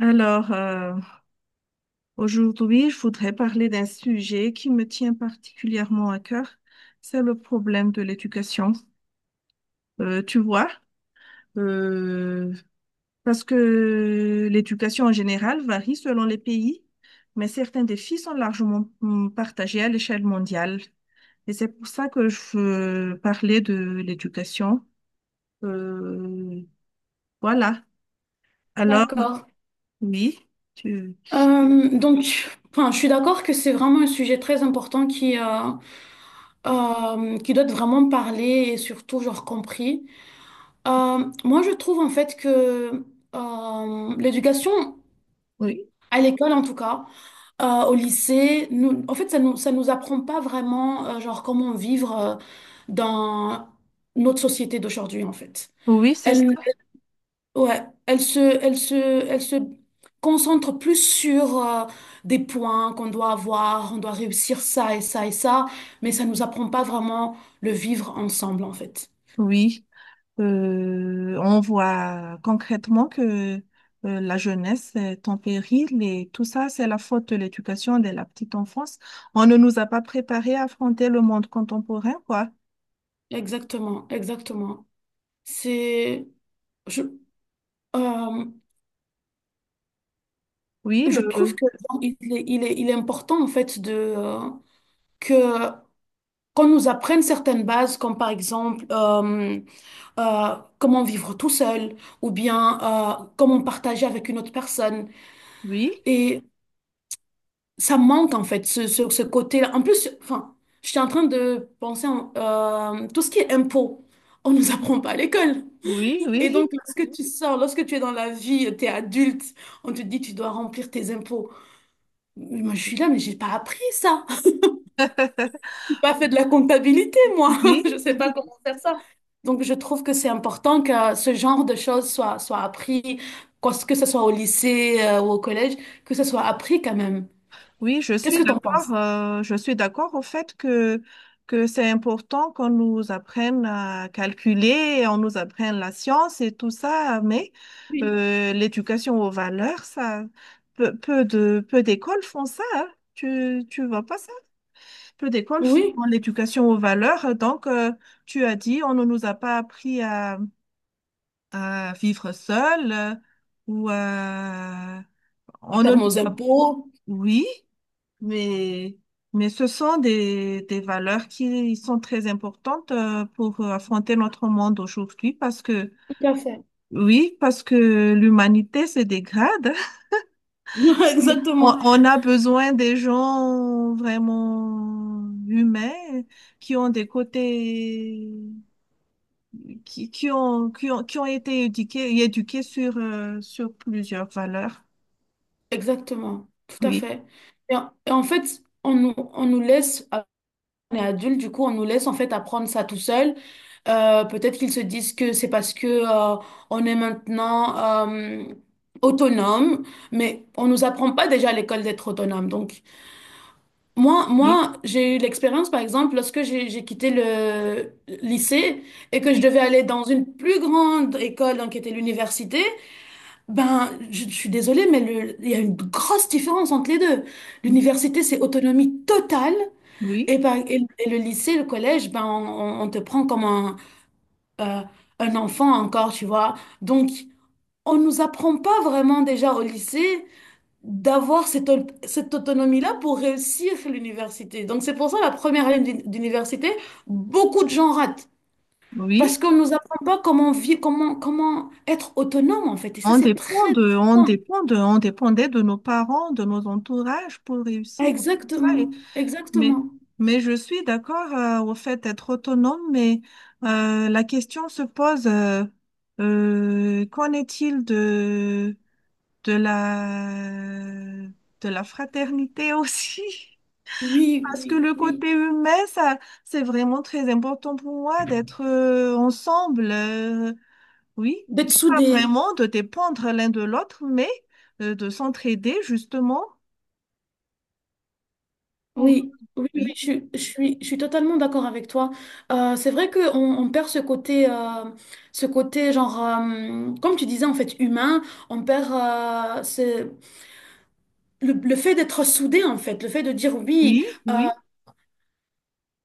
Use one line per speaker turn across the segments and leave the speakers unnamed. Alors, aujourd'hui, je voudrais parler d'un sujet qui me tient particulièrement à cœur, c'est le problème de l'éducation. Tu vois, euh, parce que l'éducation en général varie selon les pays, mais certains défis sont largement partagés à l'échelle mondiale. Et c'est pour ça que je veux parler de l'éducation. Euh, voilà. Alors,
D'accord.
oui, tu...
Euh, donc, je suis d'accord que c'est vraiment un sujet très important qui qui doit être vraiment parlé et surtout, compris. Moi, je trouve en fait que l'éducation,
Oui,
à l'école en tout cas, au lycée, nous, en fait, ça nous apprend pas vraiment, comment vivre dans notre société d'aujourd'hui, en fait.
oui, c'est ça.
Elle, Ouais, elle se concentre plus sur des points qu'on doit avoir, on doit réussir ça et ça et ça, mais ça ne nous apprend pas vraiment le vivre ensemble en fait.
Oui. On voit concrètement que la jeunesse est en péril et tout ça, c'est la faute de l'éducation dès la petite enfance. On ne nous a pas préparés à affronter le monde contemporain, quoi.
Exactement, exactement. C'est, je, euh,
Oui,
je
le,
trouve que il est important en fait de euh, que qu'on nous apprenne certaines bases, comme par exemple comment vivre tout seul, ou bien comment partager avec une autre personne.
oui,
Et ça manque en fait sur ce côté-là. En plus, enfin, j'étais en train de penser tout ce qui est impôts, on nous apprend pas à l'école.
oui, oui,
Et donc, lorsque tu es dans la vie, tu es adulte, on te dit tu dois remplir tes impôts. Moi, je suis là, mais j'ai pas appris ça. J'ai pas fait de la comptabilité, moi.
oui.
Je sais pas comment faire ça. Donc, je trouve que c'est important que ce genre de choses soit appris, que ce soit au lycée, ou au collège, que ce soit appris quand même.
Oui, je
Qu'est-ce
suis
que tu en penses?
d'accord. Je suis d'accord au fait que c'est important qu'on nous apprenne à calculer, on nous apprenne la science et tout ça, mais
Oui.
l'éducation aux valeurs, ça, peu d'écoles font ça. Hein. Tu vois pas ça? Peu d'écoles
Oui.
font l'éducation aux valeurs. Donc, tu as dit, on ne nous a pas appris à vivre seul ou à-
À
on ne
faire
nous
nos
a...
impôts.
Oui. Mais, mais ce sont des valeurs qui sont très importantes pour affronter notre monde aujourd'hui parce que,
Tout à fait.
oui, parce que l'humanité se dégrade. Oui.
Exactement,
On a besoin des gens vraiment humains qui ont des côtés, qui, qui ont été éduqués, éduqués sur, sur plusieurs valeurs.
exactement, tout à
Oui,
fait. Et en fait, on nous laisse, ah, on est adulte, du coup, on nous laisse en fait apprendre ça tout seul. Peut-être qu'ils se disent que c'est parce que on est maintenant autonome, mais on nous apprend pas déjà à l'école d'être autonome. Donc,
oui,
moi, j'ai eu l'expérience, par exemple, lorsque j'ai quitté le lycée et que je
oui,
devais aller dans une plus grande école, donc qui était l'université. Ben, je suis désolée, mais il y a une grosse différence entre les deux. L'université, c'est autonomie totale,
oui,
et le lycée, le collège, ben, on te prend comme euh, un enfant encore, tu vois. Donc, on nous apprend pas vraiment déjà au lycée d'avoir cette autonomie-là pour réussir l'université. Donc, c'est pour ça la première année d'université, beaucoup de gens ratent. Parce
oui.
qu'on nous apprend pas comment être autonome, en fait. Et ça, c'est très important.
On dépendait de nos parents, de nos entourages pour réussir, tout ça. Et-
Exactement,
mais,
exactement.
mais je suis d'accord au fait d'être autonome, mais la question se pose, qu'en est-il de la, de la fraternité aussi?
Oui,
Parce que
oui,
le
oui.
côté humain, ça, c'est vraiment très important pour moi d'être ensemble. Oui,
D'être
mais pas
soudé.
vraiment de dépendre l'un de l'autre, mais de s'entraider justement pour...
Oui, oui, oui,
Oui,
je suis totalement d'accord avec toi. C'est vrai qu'on on perd ce côté comme tu disais, en fait, humain. On perd le fait d'être soudé, en fait, le fait de dire oui,
oui,
euh,
oui,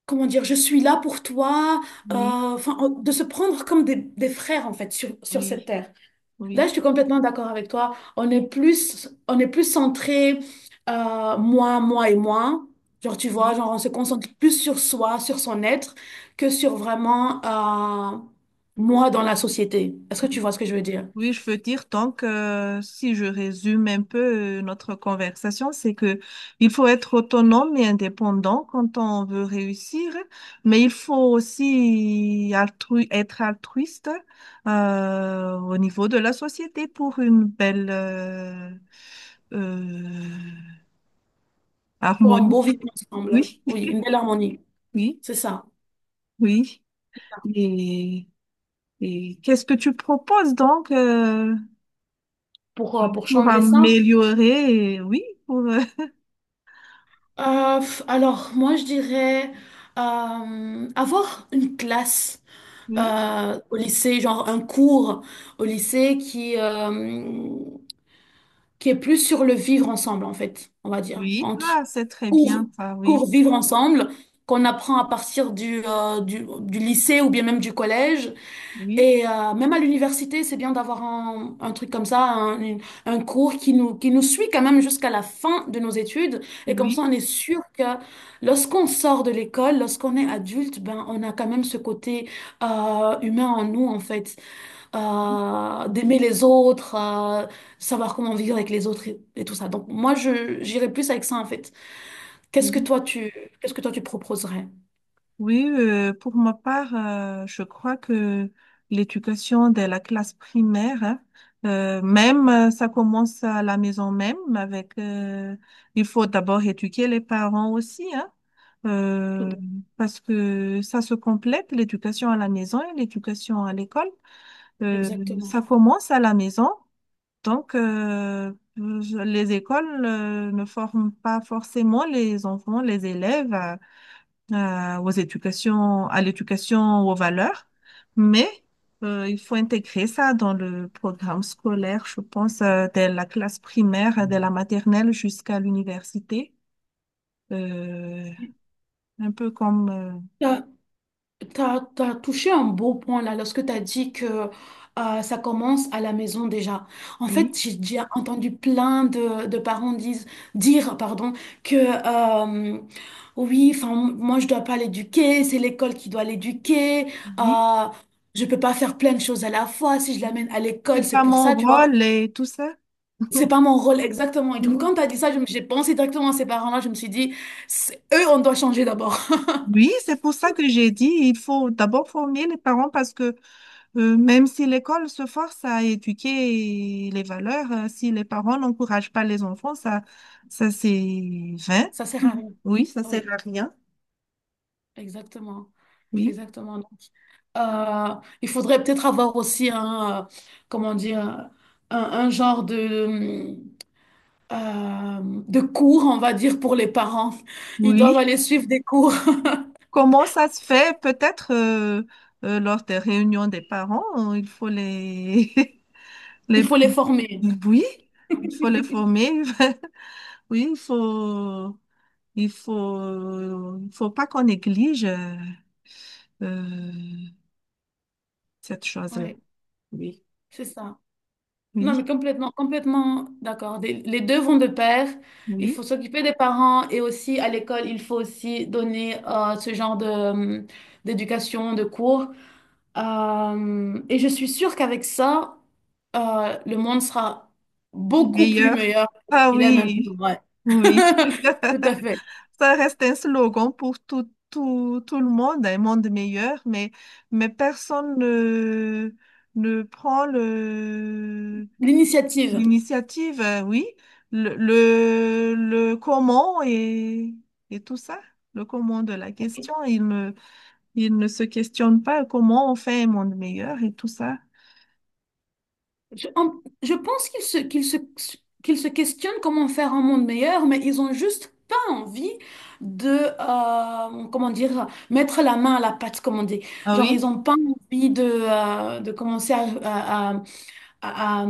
comment dire, je suis là pour toi,
oui,
de se prendre comme des frères, en fait, sur cette
oui,
terre. Là, je
oui,
suis complètement d'accord avec toi. On est plus centré, moi et moi. Genre, tu vois,
oui,
genre, on se concentre plus sur soi, sur son être, que sur vraiment, euh, moi dans la société. Est-ce que tu
oui.
vois ce que je veux dire?
Oui, je veux dire, donc, si je résume un peu notre conversation, c'est que il faut être autonome et indépendant quand on veut réussir, mais il faut aussi être altruiste au niveau de la société pour une belle... euh,
Pour un beau
Harmonique,
vivre ensemble.
oui,
Oui, une belle harmonie.
oui,
C'est ça.
oui. Et, et qu'est-ce que tu proposes donc
Pour
pour
changer ça.
améliorer? Oui, pour,
Alors, moi, je dirais avoir une classe
oui,
au lycée, genre un cours au lycée qui est plus sur le vivre ensemble, en fait, on va dire.
oui.
Donc,
Ah, c'est très
cours,
bien ça, oui,
cours vivre ensemble, qu'on apprend à partir du, du lycée ou bien même du collège.
oui,
Et même à l'université, c'est bien d'avoir un truc comme ça, un, une- un cours qui nous suit quand même jusqu'à la fin de nos études. Et comme ça,
oui,
on est sûr que lorsqu'on sort de l'école, lorsqu'on est adulte, ben, on a quand même ce côté humain en nous, en fait.
oui.
D'aimer les autres, savoir comment vivre avec les autres et tout ça. Donc moi, j'irais plus avec ça, en fait. Qu'est-ce que
Oui.
toi, tu, qu'est-ce que toi, tu proposerais?
Oui, pour ma part, je crois que l'éducation de la classe primaire, hein, même ça commence à la maison même avec, il faut d'abord éduquer les parents aussi, hein,
Tout
euh,
à fait,
parce que ça se complète, l'éducation à la maison et l'éducation à l'école. Euh,
exactement.
ça commence à la maison, donc je- les écoles ne forment pas forcément les enfants, les élèves aux éducations, à l'éducation, aux valeurs, mais il faut intégrer ça dans le programme scolaire, je pense, dès la classe primaire, dès la maternelle jusqu'à l'université. Euh, un peu comme,
T'as touché un beau point là lorsque t'as dit que ça commence à la maison déjà. En
oui,
fait, j'ai déjà entendu plein de, dire pardon, que euh, oui, enfin moi je dois pas l'éduquer, c'est l'école qui doit l'éduquer.
oui,
Euh, je peux pas faire plein de choses à la fois. Si je l'amène à
c'est
l'école, c'est
pas
pour
mon
ça, tu vois.
rôle et tout ça.
C'est pas mon rôle exactement. Et du coup, quand t'as dit ça, j'ai pensé directement à ces parents-là. Je me suis dit, eux, on doit changer d'abord.
Oui, c'est pour ça que j'ai dit, il faut d'abord former les parents parce que même si l'école se force à éduquer les valeurs, si les parents n'encouragent pas les enfants, ça c'est vain.
Ça sert à rien.
Oui, ça sert
Oui,
à rien.
exactement.
Oui,
Exactement. Donc, euh, il faudrait peut-être avoir aussi un, comment dire, un genre euh, de cours, on va dire, pour les parents. Ils doivent
oui.
aller suivre des cours.
Comment ça se fait? Peut-être lors des réunions des parents, il faut les,
Il
les...
faut les former.
Oui, il faut les former. Oui, il faut pas qu'on néglige euh, cette chose-là.
Oui,
Oui,
c'est ça. Non, mais
oui.
complètement, complètement d'accord. Les deux vont de pair. Il
Oui,
faut s'occuper des parents et aussi à l'école, il faut aussi donner ce genre de, d'éducation, de cours. Et je suis sûre qu'avec ça, le monde sera beaucoup plus
meilleur.
meilleur
Ah
qu'il est maintenant.
oui,
Ouais.
oui.
Tout à fait.
Ça reste un slogan pour tout le monde, un monde meilleur, mais personne ne, ne prend le,
L'initiative.
l'initiative, oui, le comment et tout ça, le comment de la question. Il ne se questionne pas comment on fait un monde meilleur et tout ça.
Je, en- je pense qu'ils se questionnent comment faire un monde meilleur, mais ils ont juste pas envie de, comment dire, mettre la main à la pâte, comme on dit.
Ah
Genre, ils
oui,
ont pas envie de commencer à, à-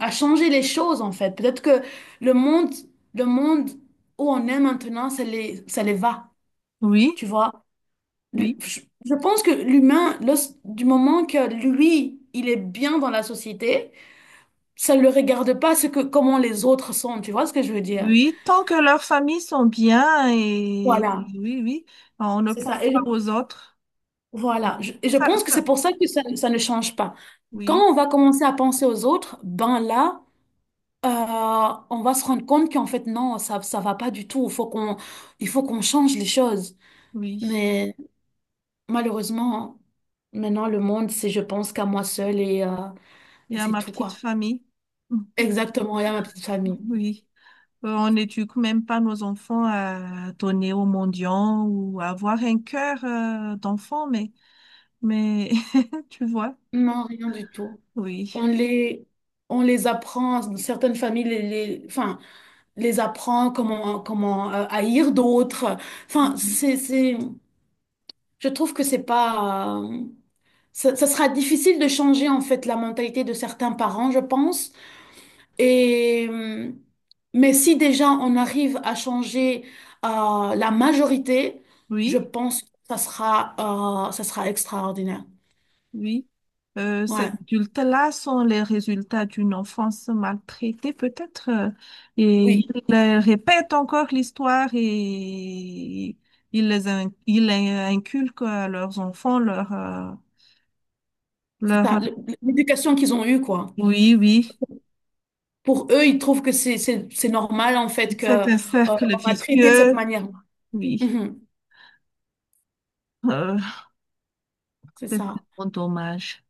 à changer les choses en fait. Peut-être que le monde, le monde où on est maintenant, ça les va,
oui,
tu vois.
oui.
Je pense que l'humain, du moment que lui, il est bien dans la société, ça ne le regarde pas comment les autres sont, tu vois ce que je veux dire?
Oui, tant que leurs familles sont bien et
Voilà,
oui, oui, on ne
c'est
pense
ça. Et je,
pas aux autres.
voilà, Je- et je
Ça-
pense que c'est
ça-
pour ça que ça ne change pas. Quand
Oui,
on va commencer à penser aux autres, ben là, euh, on va se rendre compte qu'en fait, non, ça va pas du tout. Il faut qu'on change les choses.
oui.
Mais malheureusement, maintenant, le monde, c'est je pense qu'à moi seule
Il
et
y a
c'est
ma
tout,
petite
quoi.
famille.
Exactement, et à ma petite
Mhm.
famille.
Oui. On n'éduque même pas nos enfants à donner aux mendiants ou à avoir un cœur d'enfant, mais tu vois,
Non, rien du tout.
oui.
On les, on les apprend, certaines familles les apprend comment haïr d'autres. Enfin,
Oui.
je trouve que c'est pas. Ça, ça sera difficile de changer en fait la mentalité de certains parents, je pense. Et, euh, mais si déjà on arrive à changer la majorité, je
Oui.
pense que ça sera extraordinaire.
Oui. Ces
Ouais,
adultes-là sont les résultats d'une enfance maltraitée, peut-être, et
oui,
ils répètent encore l'histoire et ils les inculquent à leurs enfants leur,
c'est ça.
leur...
L'éducation qu'ils ont eue, quoi.
Oui, oui.
Pour eux, ils trouvent c'est normal en fait que
C'est un cercle
on a traité de cette
vicieux.
manière.
Oui.
Mhm,
Euh,
c'est
c'est
ça.
vraiment dommage.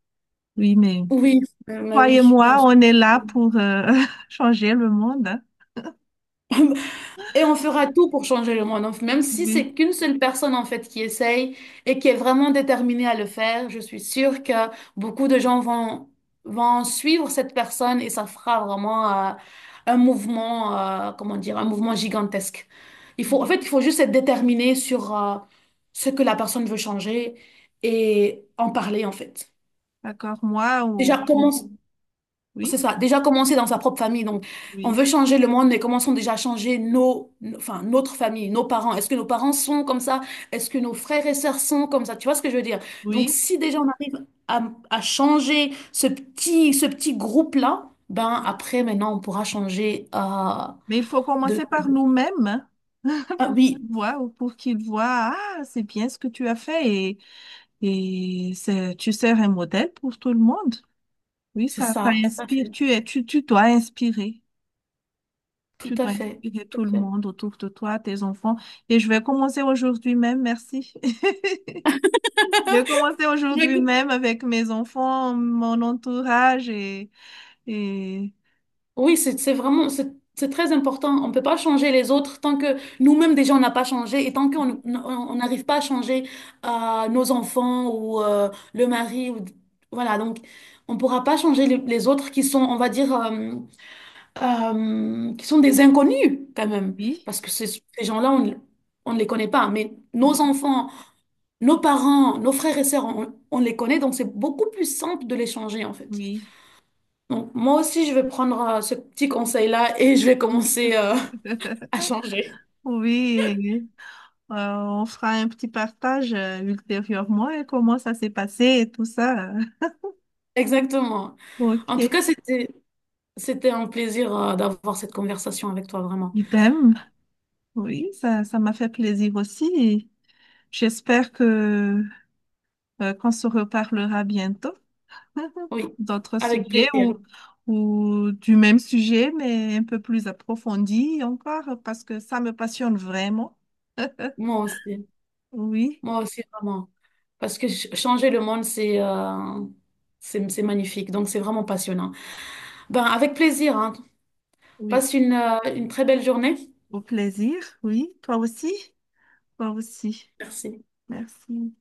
Oui, mais
Oui, mais
toi et
oui, bien
moi,
sûr.
on est là pour changer le monde. Hein.
Et on fera tout pour changer le monde. Même si
Oui,
c'est qu'une seule personne, en fait, qui essaye et qui est vraiment déterminée à le faire, je suis sûre que beaucoup de gens vont suivre cette personne et ça fera vraiment un mouvement, comment dire, un mouvement gigantesque.
oui.
Il faut juste être déterminé sur ce que la personne veut changer et en parler, en fait.
D'accord, moi, ou...
Déjà, commence c'est
oui,
ça, déjà commencer dans sa propre famille. Donc, on
oui.
veut changer le monde, mais commençons déjà à changer notre famille, nos parents. Est-ce que nos parents sont comme ça? Est-ce que nos frères et sœurs sont comme ça? Tu vois ce que je veux dire? Donc,
Oui,
si déjà on arrive à changer ce petit groupe-là, ben
oui.
après, maintenant, on pourra changer
Mais il faut
de...
commencer par nous-mêmes, hein,
Ah
pour
oui,
qu'ils voient ou pour qu'ils voient, ah, c'est bien ce que tu as fait et c'est, tu sers un modèle pour tout le monde. Oui,
c'est
ça
ça, tout à
inspire,
fait,
tu es, tu dois inspirer.
tout
Tu
à
dois
fait,
inspirer tout le
tout à
monde autour de toi, tes enfants. Et je vais commencer aujourd'hui même, merci. Je vais commencer
fait.
aujourd'hui même avec mes enfants, mon entourage et...
Oui, c'est vraiment, c'est très important. On ne peut pas changer les autres tant que nous-mêmes déjà on n'a pas changé et tant qu'on on n'arrive pas à changer nos enfants ou le mari. Ou, voilà, donc on ne pourra pas changer les autres qui sont, on va dire, qui sont des inconnus quand même.
Oui,
Parce que ces, ces gens-là, on ne les connaît pas. Mais nos
oui,
enfants, nos parents, nos frères et sœurs, on les connaît, donc c'est beaucoup plus simple de les changer en fait.
oui.
Donc, moi aussi, je vais prendre ce petit conseil-là et je vais commencer à changer.
Oui, on fera un petit partage ultérieurement et comment ça s'est passé et tout ça.
Exactement.
Ok.
En tout cas, c'était un plaisir d'avoir cette conversation avec toi, vraiment.
Idem. Oui, ça m'a fait plaisir aussi. Et j'espère que qu'on se reparlera bientôt
Oui,
d'autres
avec
sujets
plaisir.
ou du même sujet, mais un peu plus approfondi encore, parce que ça me passionne vraiment.
Moi aussi.
Oui,
Moi aussi, vraiment. Parce que changer le monde, c'est magnifique. Donc, c'est vraiment passionnant. Ben, avec plaisir, hein.
oui.
Passe une très belle journée.
Au plaisir, oui. Toi aussi, toi aussi.
Merci.
Merci.